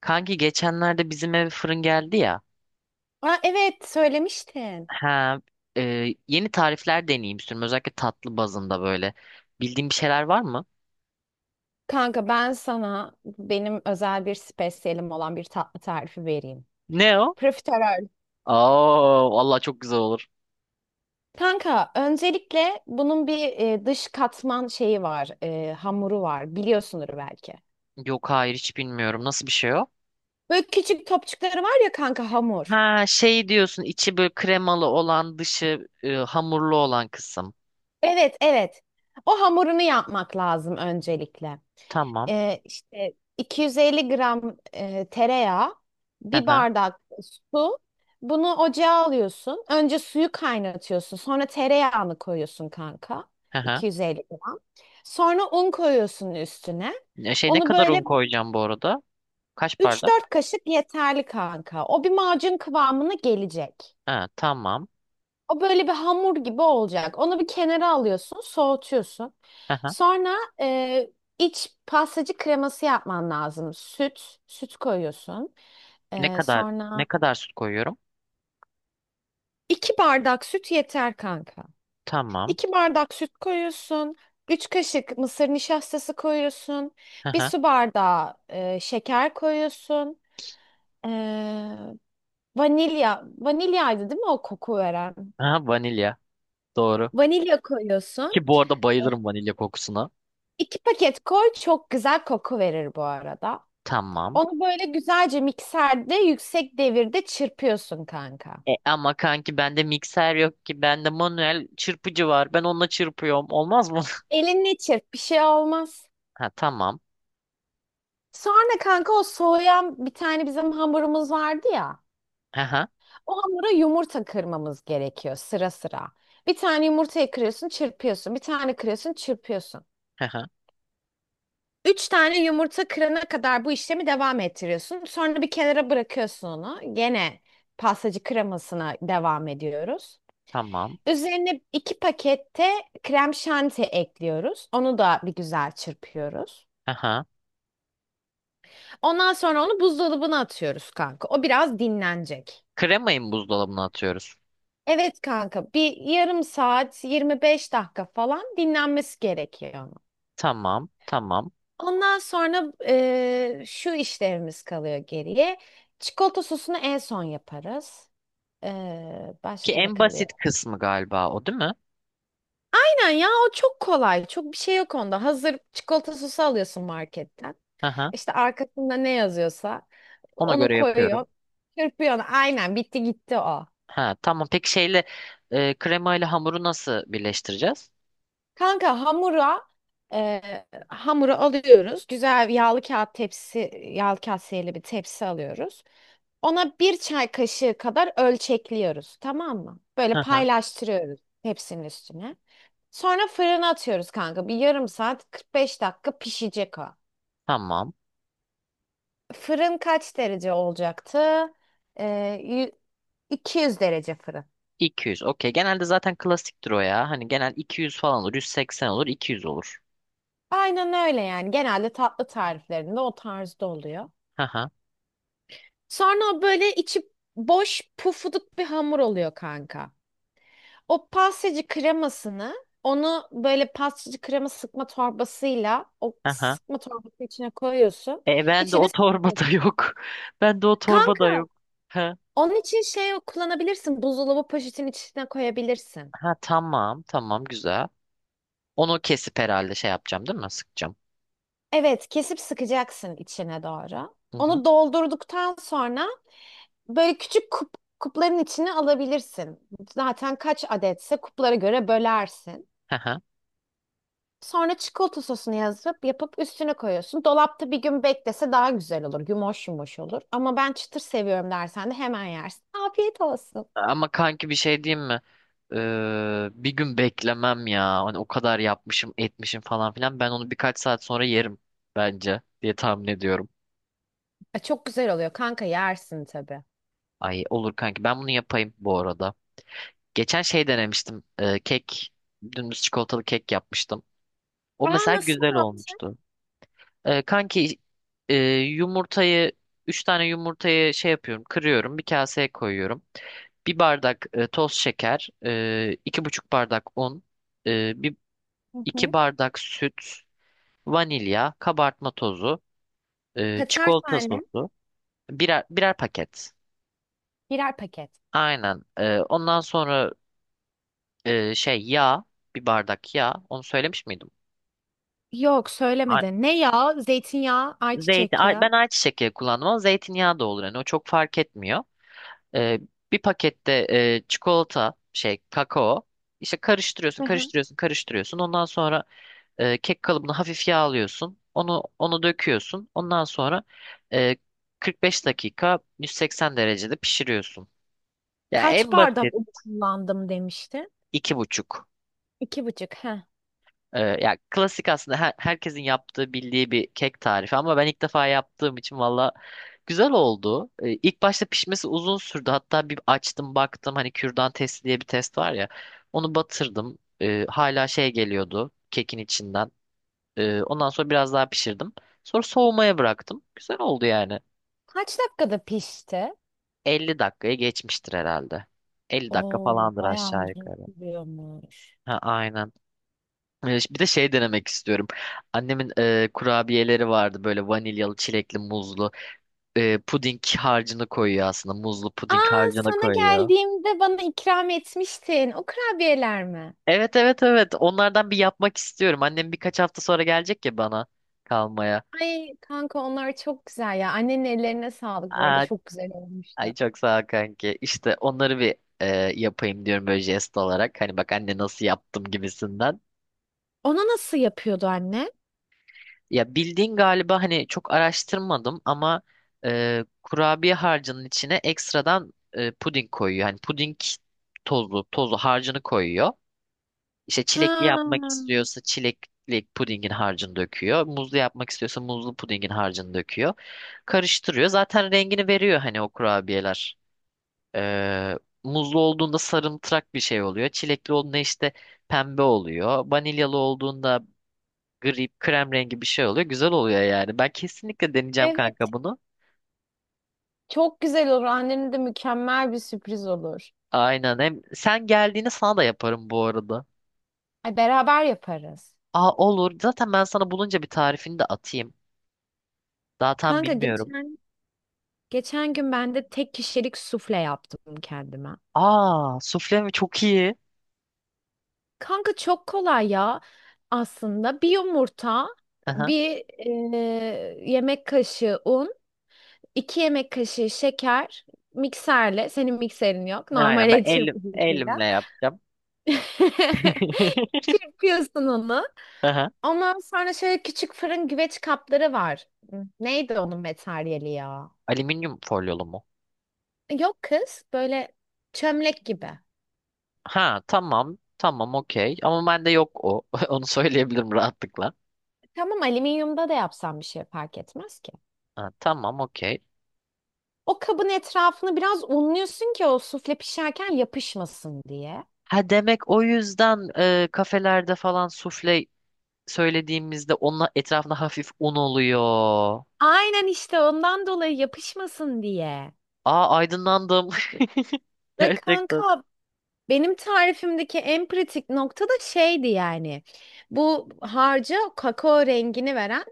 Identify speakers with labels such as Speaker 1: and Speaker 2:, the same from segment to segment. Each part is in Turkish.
Speaker 1: Kanki geçenlerde bizim eve fırın geldi ya.
Speaker 2: Aa, evet söylemiştin.
Speaker 1: Ha, yeni tarifler deneyeyim istiyorum. Özellikle tatlı bazında böyle. Bildiğin bir şeyler var mı?
Speaker 2: Kanka ben sana benim özel bir spesiyelim olan bir tatlı tarifi vereyim.
Speaker 1: Ne o?
Speaker 2: Profiterol.
Speaker 1: Aa, vallahi çok güzel olur.
Speaker 2: Kanka öncelikle bunun bir dış katman şeyi var, hamuru var. Biliyorsundur belki.
Speaker 1: Yok, hayır, hiç bilmiyorum. Nasıl bir şey o?
Speaker 2: Böyle küçük topçukları var ya kanka hamur.
Speaker 1: Ha, şey diyorsun, içi böyle kremalı olan, dışı hamurlu olan kısım.
Speaker 2: Evet, evet. O hamurunu yapmak lazım öncelikle.
Speaker 1: Tamam.
Speaker 2: E, işte 250 gram tereyağı,
Speaker 1: Hı
Speaker 2: bir
Speaker 1: hı.
Speaker 2: bardak su. Bunu ocağa alıyorsun. Önce suyu kaynatıyorsun. Sonra tereyağını koyuyorsun kanka.
Speaker 1: Hı hı.
Speaker 2: 250 gram. Sonra un koyuyorsun üstüne.
Speaker 1: Şey, ne
Speaker 2: Onu
Speaker 1: kadar un
Speaker 2: böyle
Speaker 1: koyacağım bu arada? Kaç
Speaker 2: üç
Speaker 1: bardak?
Speaker 2: dört kaşık yeterli kanka. O bir macun kıvamına gelecek.
Speaker 1: Ha, tamam.
Speaker 2: O böyle bir hamur gibi olacak. Onu bir kenara alıyorsun, soğutuyorsun.
Speaker 1: Hı hı.
Speaker 2: Sonra e, iç pastacı kreması yapman lazım. Süt, süt koyuyorsun.
Speaker 1: Ne
Speaker 2: E,
Speaker 1: kadar ne
Speaker 2: sonra
Speaker 1: kadar süt koyuyorum?
Speaker 2: 2 bardak süt yeter kanka.
Speaker 1: Tamam.
Speaker 2: 2 bardak süt koyuyorsun. 3 kaşık mısır nişastası koyuyorsun.
Speaker 1: Hı
Speaker 2: Bir
Speaker 1: hı.
Speaker 2: su bardağı şeker koyuyorsun. E, vanilyaydı değil mi o koku veren?
Speaker 1: Ha, vanilya. Doğru.
Speaker 2: Vanilya koyuyorsun.
Speaker 1: Ki bu arada bayılırım vanilya kokusuna.
Speaker 2: 2 paket koy, çok güzel koku verir bu arada.
Speaker 1: Tamam.
Speaker 2: Onu böyle güzelce mikserde yüksek devirde çırpıyorsun kanka.
Speaker 1: Ama kanki bende mikser yok ki. Bende manuel çırpıcı var. Ben onunla çırpıyorum. Olmaz mı?
Speaker 2: Elinle çırp, bir şey olmaz.
Speaker 1: Ha, tamam.
Speaker 2: Sonra kanka o soğuyan bir tane bizim hamurumuz vardı ya.
Speaker 1: Aha.
Speaker 2: O hamura yumurta kırmamız gerekiyor sıra sıra. Bir tane yumurtayı kırıyorsun, çırpıyorsun. Bir tane kırıyorsun, çırpıyorsun.
Speaker 1: Aha.
Speaker 2: 3 tane yumurta kırana kadar bu işlemi devam ettiriyorsun. Sonra bir kenara bırakıyorsun onu. Gene pastacı kremasına devam ediyoruz.
Speaker 1: Tamam.
Speaker 2: Üzerine 2 pakette krem şanti ekliyoruz. Onu da bir güzel çırpıyoruz.
Speaker 1: Aha.
Speaker 2: Ondan sonra onu buzdolabına atıyoruz kanka. O biraz dinlenecek.
Speaker 1: Kremayı mı buzdolabına atıyoruz?
Speaker 2: Evet kanka, bir yarım saat 25 dakika falan dinlenmesi gerekiyor onun.
Speaker 1: Tamam. Tamam.
Speaker 2: Ondan sonra Şu işlerimiz kalıyor geriye. Çikolata sosunu en son yaparız. Eee,
Speaker 1: Ki
Speaker 2: başka ne
Speaker 1: en
Speaker 2: kalıyor?
Speaker 1: basit kısmı galiba o, değil mi?
Speaker 2: Aynen ya, o çok kolay. Çok bir şey yok onda. Hazır çikolata sosu alıyorsun marketten.
Speaker 1: Aha.
Speaker 2: İşte arkasında ne yazıyorsa
Speaker 1: Ona
Speaker 2: onu
Speaker 1: göre yapıyorum.
Speaker 2: koyuyor. Çırpıyor. Aynen, bitti gitti o.
Speaker 1: Ha, tamam. Peki, kremayla hamuru nasıl birleştireceğiz?
Speaker 2: Kanka e, hamuru alıyoruz. Güzel yağlı kağıt tepsi, yağlı kaseyeli bir tepsi alıyoruz. Ona bir çay kaşığı kadar ölçekliyoruz. Tamam mı? Böyle
Speaker 1: Aha.
Speaker 2: paylaştırıyoruz tepsinin üstüne. Sonra fırına atıyoruz kanka. Bir yarım saat 45 dakika pişecek o.
Speaker 1: Tamam.
Speaker 2: Fırın kaç derece olacaktı? E, yü- 200 derece fırın.
Speaker 1: 200. Okey. Genelde zaten klasiktir o ya. Hani genel 200 falan olur. 180 olur. 200 olur.
Speaker 2: Aynen öyle yani. Genelde tatlı tariflerinde o tarzda oluyor.
Speaker 1: Aha,
Speaker 2: Sonra o böyle içi boş pufuduk bir hamur oluyor kanka. O pastacı kremasını, onu böyle pastacı krema sıkma torbasıyla o
Speaker 1: aha.
Speaker 2: sıkma torbası içine koyuyorsun.
Speaker 1: Ben de o
Speaker 2: İçine
Speaker 1: torbada
Speaker 2: sıkıyorsun.
Speaker 1: yok. Ben de o torbada
Speaker 2: Kanka
Speaker 1: yok. Ha,
Speaker 2: onun için şey kullanabilirsin. Buzdolabı poşetin içine koyabilirsin.
Speaker 1: ha, tamam, tamam, güzel. Onu kesip herhalde şey yapacağım, değil mi? Sıkacağım.
Speaker 2: Evet, kesip sıkacaksın içine doğru.
Speaker 1: Hı hı.
Speaker 2: Onu doldurduktan sonra böyle küçük kupların içine alabilirsin. Zaten kaç adetse kuplara göre bölersin.
Speaker 1: Aha.
Speaker 2: Sonra çikolata sosunu yazıp yapıp üstüne koyuyorsun. Dolapta bir gün beklese daha güzel olur. Yumuş yumuş olur. Ama ben çıtır seviyorum dersen de hemen yersin. Afiyet olsun.
Speaker 1: Ama kanki bir şey diyeyim mi? Bir gün beklemem ya. Hani o kadar yapmışım, etmişim falan filan. Ben onu birkaç saat sonra yerim bence diye tahmin ediyorum.
Speaker 2: Çok güzel oluyor kanka, yersin tabii.
Speaker 1: Ay, olur kanki. Ben bunu yapayım bu arada. Geçen şey denemiştim. Dümdüz çikolatalı kek yapmıştım. O
Speaker 2: Aa,
Speaker 1: mesela
Speaker 2: nasıl
Speaker 1: güzel
Speaker 2: yaptın?
Speaker 1: olmuştu. Kanki, e, yumurtayı 3 tane yumurtayı şey yapıyorum, kırıyorum, bir kaseye koyuyorum. Bir bardak toz şeker, 2,5 bardak un, e, bir,
Speaker 2: Hı
Speaker 1: iki
Speaker 2: hı.
Speaker 1: bardak süt, vanilya, kabartma tozu,
Speaker 2: Kaçar
Speaker 1: çikolata
Speaker 2: tane?
Speaker 1: sosu, birer paket.
Speaker 2: Birer paket.
Speaker 1: Aynen. Ondan sonra e, şey yağ, bir bardak yağ. Onu söylemiş miydim?
Speaker 2: Yok,
Speaker 1: A-
Speaker 2: söylemedi. Ne yağı? Zeytinyağı,
Speaker 1: Zeytin.
Speaker 2: ayçiçek yağı.
Speaker 1: Ben ayçiçek yağı kullandım ama zeytinyağı da olur. Yani o çok fark etmiyor. Ee, bir pakette çikolata şey kakao, işte karıştırıyorsun
Speaker 2: Hı hı.
Speaker 1: karıştırıyorsun karıştırıyorsun, ondan sonra kek kalıbını hafif yağlıyorsun, onu döküyorsun, ondan sonra e, 45 dakika 180 derecede pişiriyorsun. Ya,
Speaker 2: Kaç
Speaker 1: en basit.
Speaker 2: bardak un kullandım demişti.
Speaker 1: 2,5.
Speaker 2: İki buçuk. Hı.
Speaker 1: Ya klasik aslında herkesin yaptığı bildiği bir kek tarifi ama ben ilk defa yaptığım için valla güzel oldu. İlk başta pişmesi uzun sürdü. Hatta bir açtım baktım, hani kürdan testi diye bir test var ya. Onu batırdım. Hala şey geliyordu kekin içinden. Ondan sonra biraz daha pişirdim. Sonra soğumaya bıraktım. Güzel oldu yani.
Speaker 2: Kaç dakikada pişti?
Speaker 1: 50 dakikaya geçmiştir herhalde. 50 dakika
Speaker 2: Oo,
Speaker 1: falandır
Speaker 2: bayağı
Speaker 1: aşağı
Speaker 2: uzun
Speaker 1: yukarı.
Speaker 2: sürüyormuş.
Speaker 1: Ha, aynen. Bir de şey denemek istiyorum. Annemin kurabiyeleri vardı böyle: vanilyalı, çilekli, muzlu. Puding harcını koyuyor aslında. Muzlu puding
Speaker 2: Aa,
Speaker 1: harcını
Speaker 2: sana
Speaker 1: koyuyor.
Speaker 2: geldiğimde bana ikram etmiştin. O kurabiyeler mi?
Speaker 1: Evet, evet, evet. Onlardan bir yapmak istiyorum. Annem birkaç hafta sonra gelecek ya bana kalmaya.
Speaker 2: Ay kanka, onlar çok güzel ya. Annenin ellerine sağlık bu arada.
Speaker 1: Aa,
Speaker 2: Çok güzel olmuştu.
Speaker 1: ay çok sağ ol kanki. İşte onları bir yapayım diyorum, böyle jest olarak. Hani bak anne nasıl yaptım gibisinden.
Speaker 2: Ona nasıl yapıyordu anne?
Speaker 1: Ya, bildiğin galiba, hani çok araştırmadım ama kurabiye harcının içine ekstradan puding koyuyor. Hani puding tozlu tozlu harcını koyuyor. İşte çilekli
Speaker 2: Ha.
Speaker 1: yapmak istiyorsa çilekli pudingin harcını döküyor. Muzlu yapmak istiyorsa muzlu pudingin harcını döküyor. Karıştırıyor. Zaten rengini veriyor hani o kurabiyeler. E, muzlu olduğunda sarımtırak bir şey oluyor. Çilekli olduğunda işte pembe oluyor. Vanilyalı olduğunda gri krem rengi bir şey oluyor. Güzel oluyor yani. Ben kesinlikle deneyeceğim
Speaker 2: Evet,
Speaker 1: kanka bunu.
Speaker 2: çok güzel olur. Annenin de mükemmel bir sürpriz olur.
Speaker 1: Aynen. Hem sen geldiğini sana da yaparım bu arada.
Speaker 2: Ay, beraber yaparız.
Speaker 1: Aa, olur. Zaten ben sana bulunca bir tarifini de atayım. Daha tam
Speaker 2: Kanka
Speaker 1: bilmiyorum.
Speaker 2: geçen gün ben de tek kişilik sufle yaptım kendime.
Speaker 1: Aa, sufle mi? Çok iyi.
Speaker 2: Kanka çok kolay ya aslında. Bir yumurta,
Speaker 1: Aha.
Speaker 2: bir e, yemek kaşığı un, 2 yemek kaşığı şeker, mikserle, senin mikserin yok, normal
Speaker 1: Aynen, ben
Speaker 2: el çırpıcısıyla.
Speaker 1: elimle yapacağım.
Speaker 2: Çırpıyorsun onu.
Speaker 1: Aha.
Speaker 2: Ondan sonra şöyle küçük fırın güveç kapları var. Neydi onun materyali ya?
Speaker 1: Alüminyum folyolu mu?
Speaker 2: Yok kız, böyle çömlek gibi.
Speaker 1: Ha, tamam. Tamam, okey. Ama bende yok o. Onu söyleyebilirim rahatlıkla.
Speaker 2: Tamam, alüminyumda da yapsam bir şey fark etmez ki.
Speaker 1: Ha, tamam, okey.
Speaker 2: O kabın etrafını biraz unluyorsun ki o sufle pişerken yapışmasın diye.
Speaker 1: Ha, demek o yüzden kafelerde falan sufle söylediğimizde onun etrafında hafif un oluyor.
Speaker 2: Aynen, işte ondan dolayı yapışmasın diye.
Speaker 1: Aa, aydınlandım.
Speaker 2: Ve
Speaker 1: Gerçekten.
Speaker 2: kanka benim tarifimdeki en pratik nokta da şeydi yani. Bu harca kakao rengini veren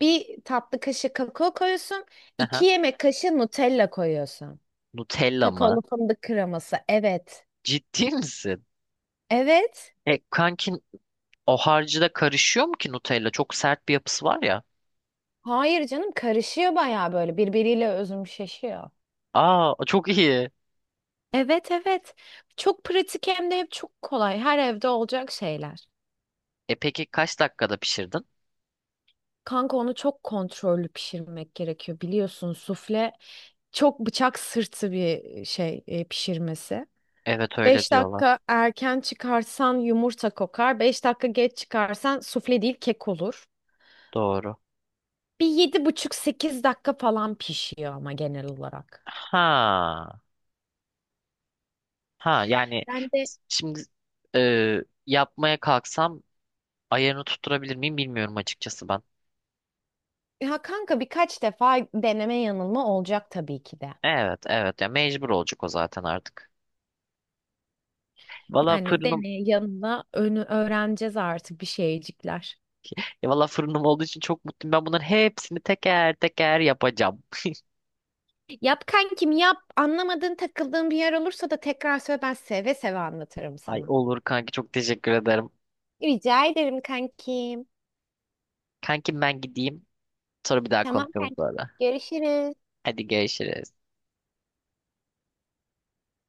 Speaker 2: bir tatlı kaşığı kakao koyuyorsun. iki
Speaker 1: Aha.
Speaker 2: yemek kaşığı Nutella koyuyorsun.
Speaker 1: Nutella mı?
Speaker 2: Kakaolu fındık kreması. Evet.
Speaker 1: Ciddi misin?
Speaker 2: Evet.
Speaker 1: Kankin, o harcı da karışıyor mu ki Nutella? Çok sert bir yapısı var ya.
Speaker 2: Hayır canım, karışıyor bayağı, böyle birbiriyle özümşeşiyor.
Speaker 1: Aa, çok iyi.
Speaker 2: Evet, evet. Çok pratik hem de hep çok kolay. Her evde olacak şeyler.
Speaker 1: Peki kaç dakikada pişirdin?
Speaker 2: Kanka onu çok kontrollü pişirmek gerekiyor. Biliyorsun sufle çok bıçak sırtı bir şey pişirmesi.
Speaker 1: Evet, öyle
Speaker 2: beş
Speaker 1: diyorlar.
Speaker 2: dakika erken çıkarsan yumurta kokar. 5 dakika geç çıkarsan sufle değil kek olur.
Speaker 1: Doğru.
Speaker 2: Bir yedi buçuk sekiz dakika falan pişiyor ama genel olarak.
Speaker 1: Ha. Ha, yani
Speaker 2: Ben de,
Speaker 1: şimdi e, yapmaya kalksam ayarını tutturabilir miyim bilmiyorum açıkçası ben.
Speaker 2: ya kanka, birkaç defa deneme yanılma olacak tabii ki de.
Speaker 1: Evet, evet, ya mecbur olacak o zaten artık. Valla
Speaker 2: Yani
Speaker 1: fırınım,
Speaker 2: deney yanında önü öğreneceğiz artık bir şeycikler.
Speaker 1: ya valla fırınım olduğu için çok mutluyum. Ben bunların hepsini teker teker yapacağım.
Speaker 2: Yap kankim, yap. Anlamadığın takıldığın bir yer olursa da tekrar söyle, ben seve seve anlatırım
Speaker 1: Ay,
Speaker 2: sana.
Speaker 1: olur kanki, çok teşekkür ederim.
Speaker 2: Rica ederim kankim.
Speaker 1: Kankim, ben gideyim. Sonra bir daha
Speaker 2: Tamam
Speaker 1: konuşalım
Speaker 2: kankim.
Speaker 1: sonra.
Speaker 2: Görüşürüz.
Speaker 1: Hadi, görüşürüz.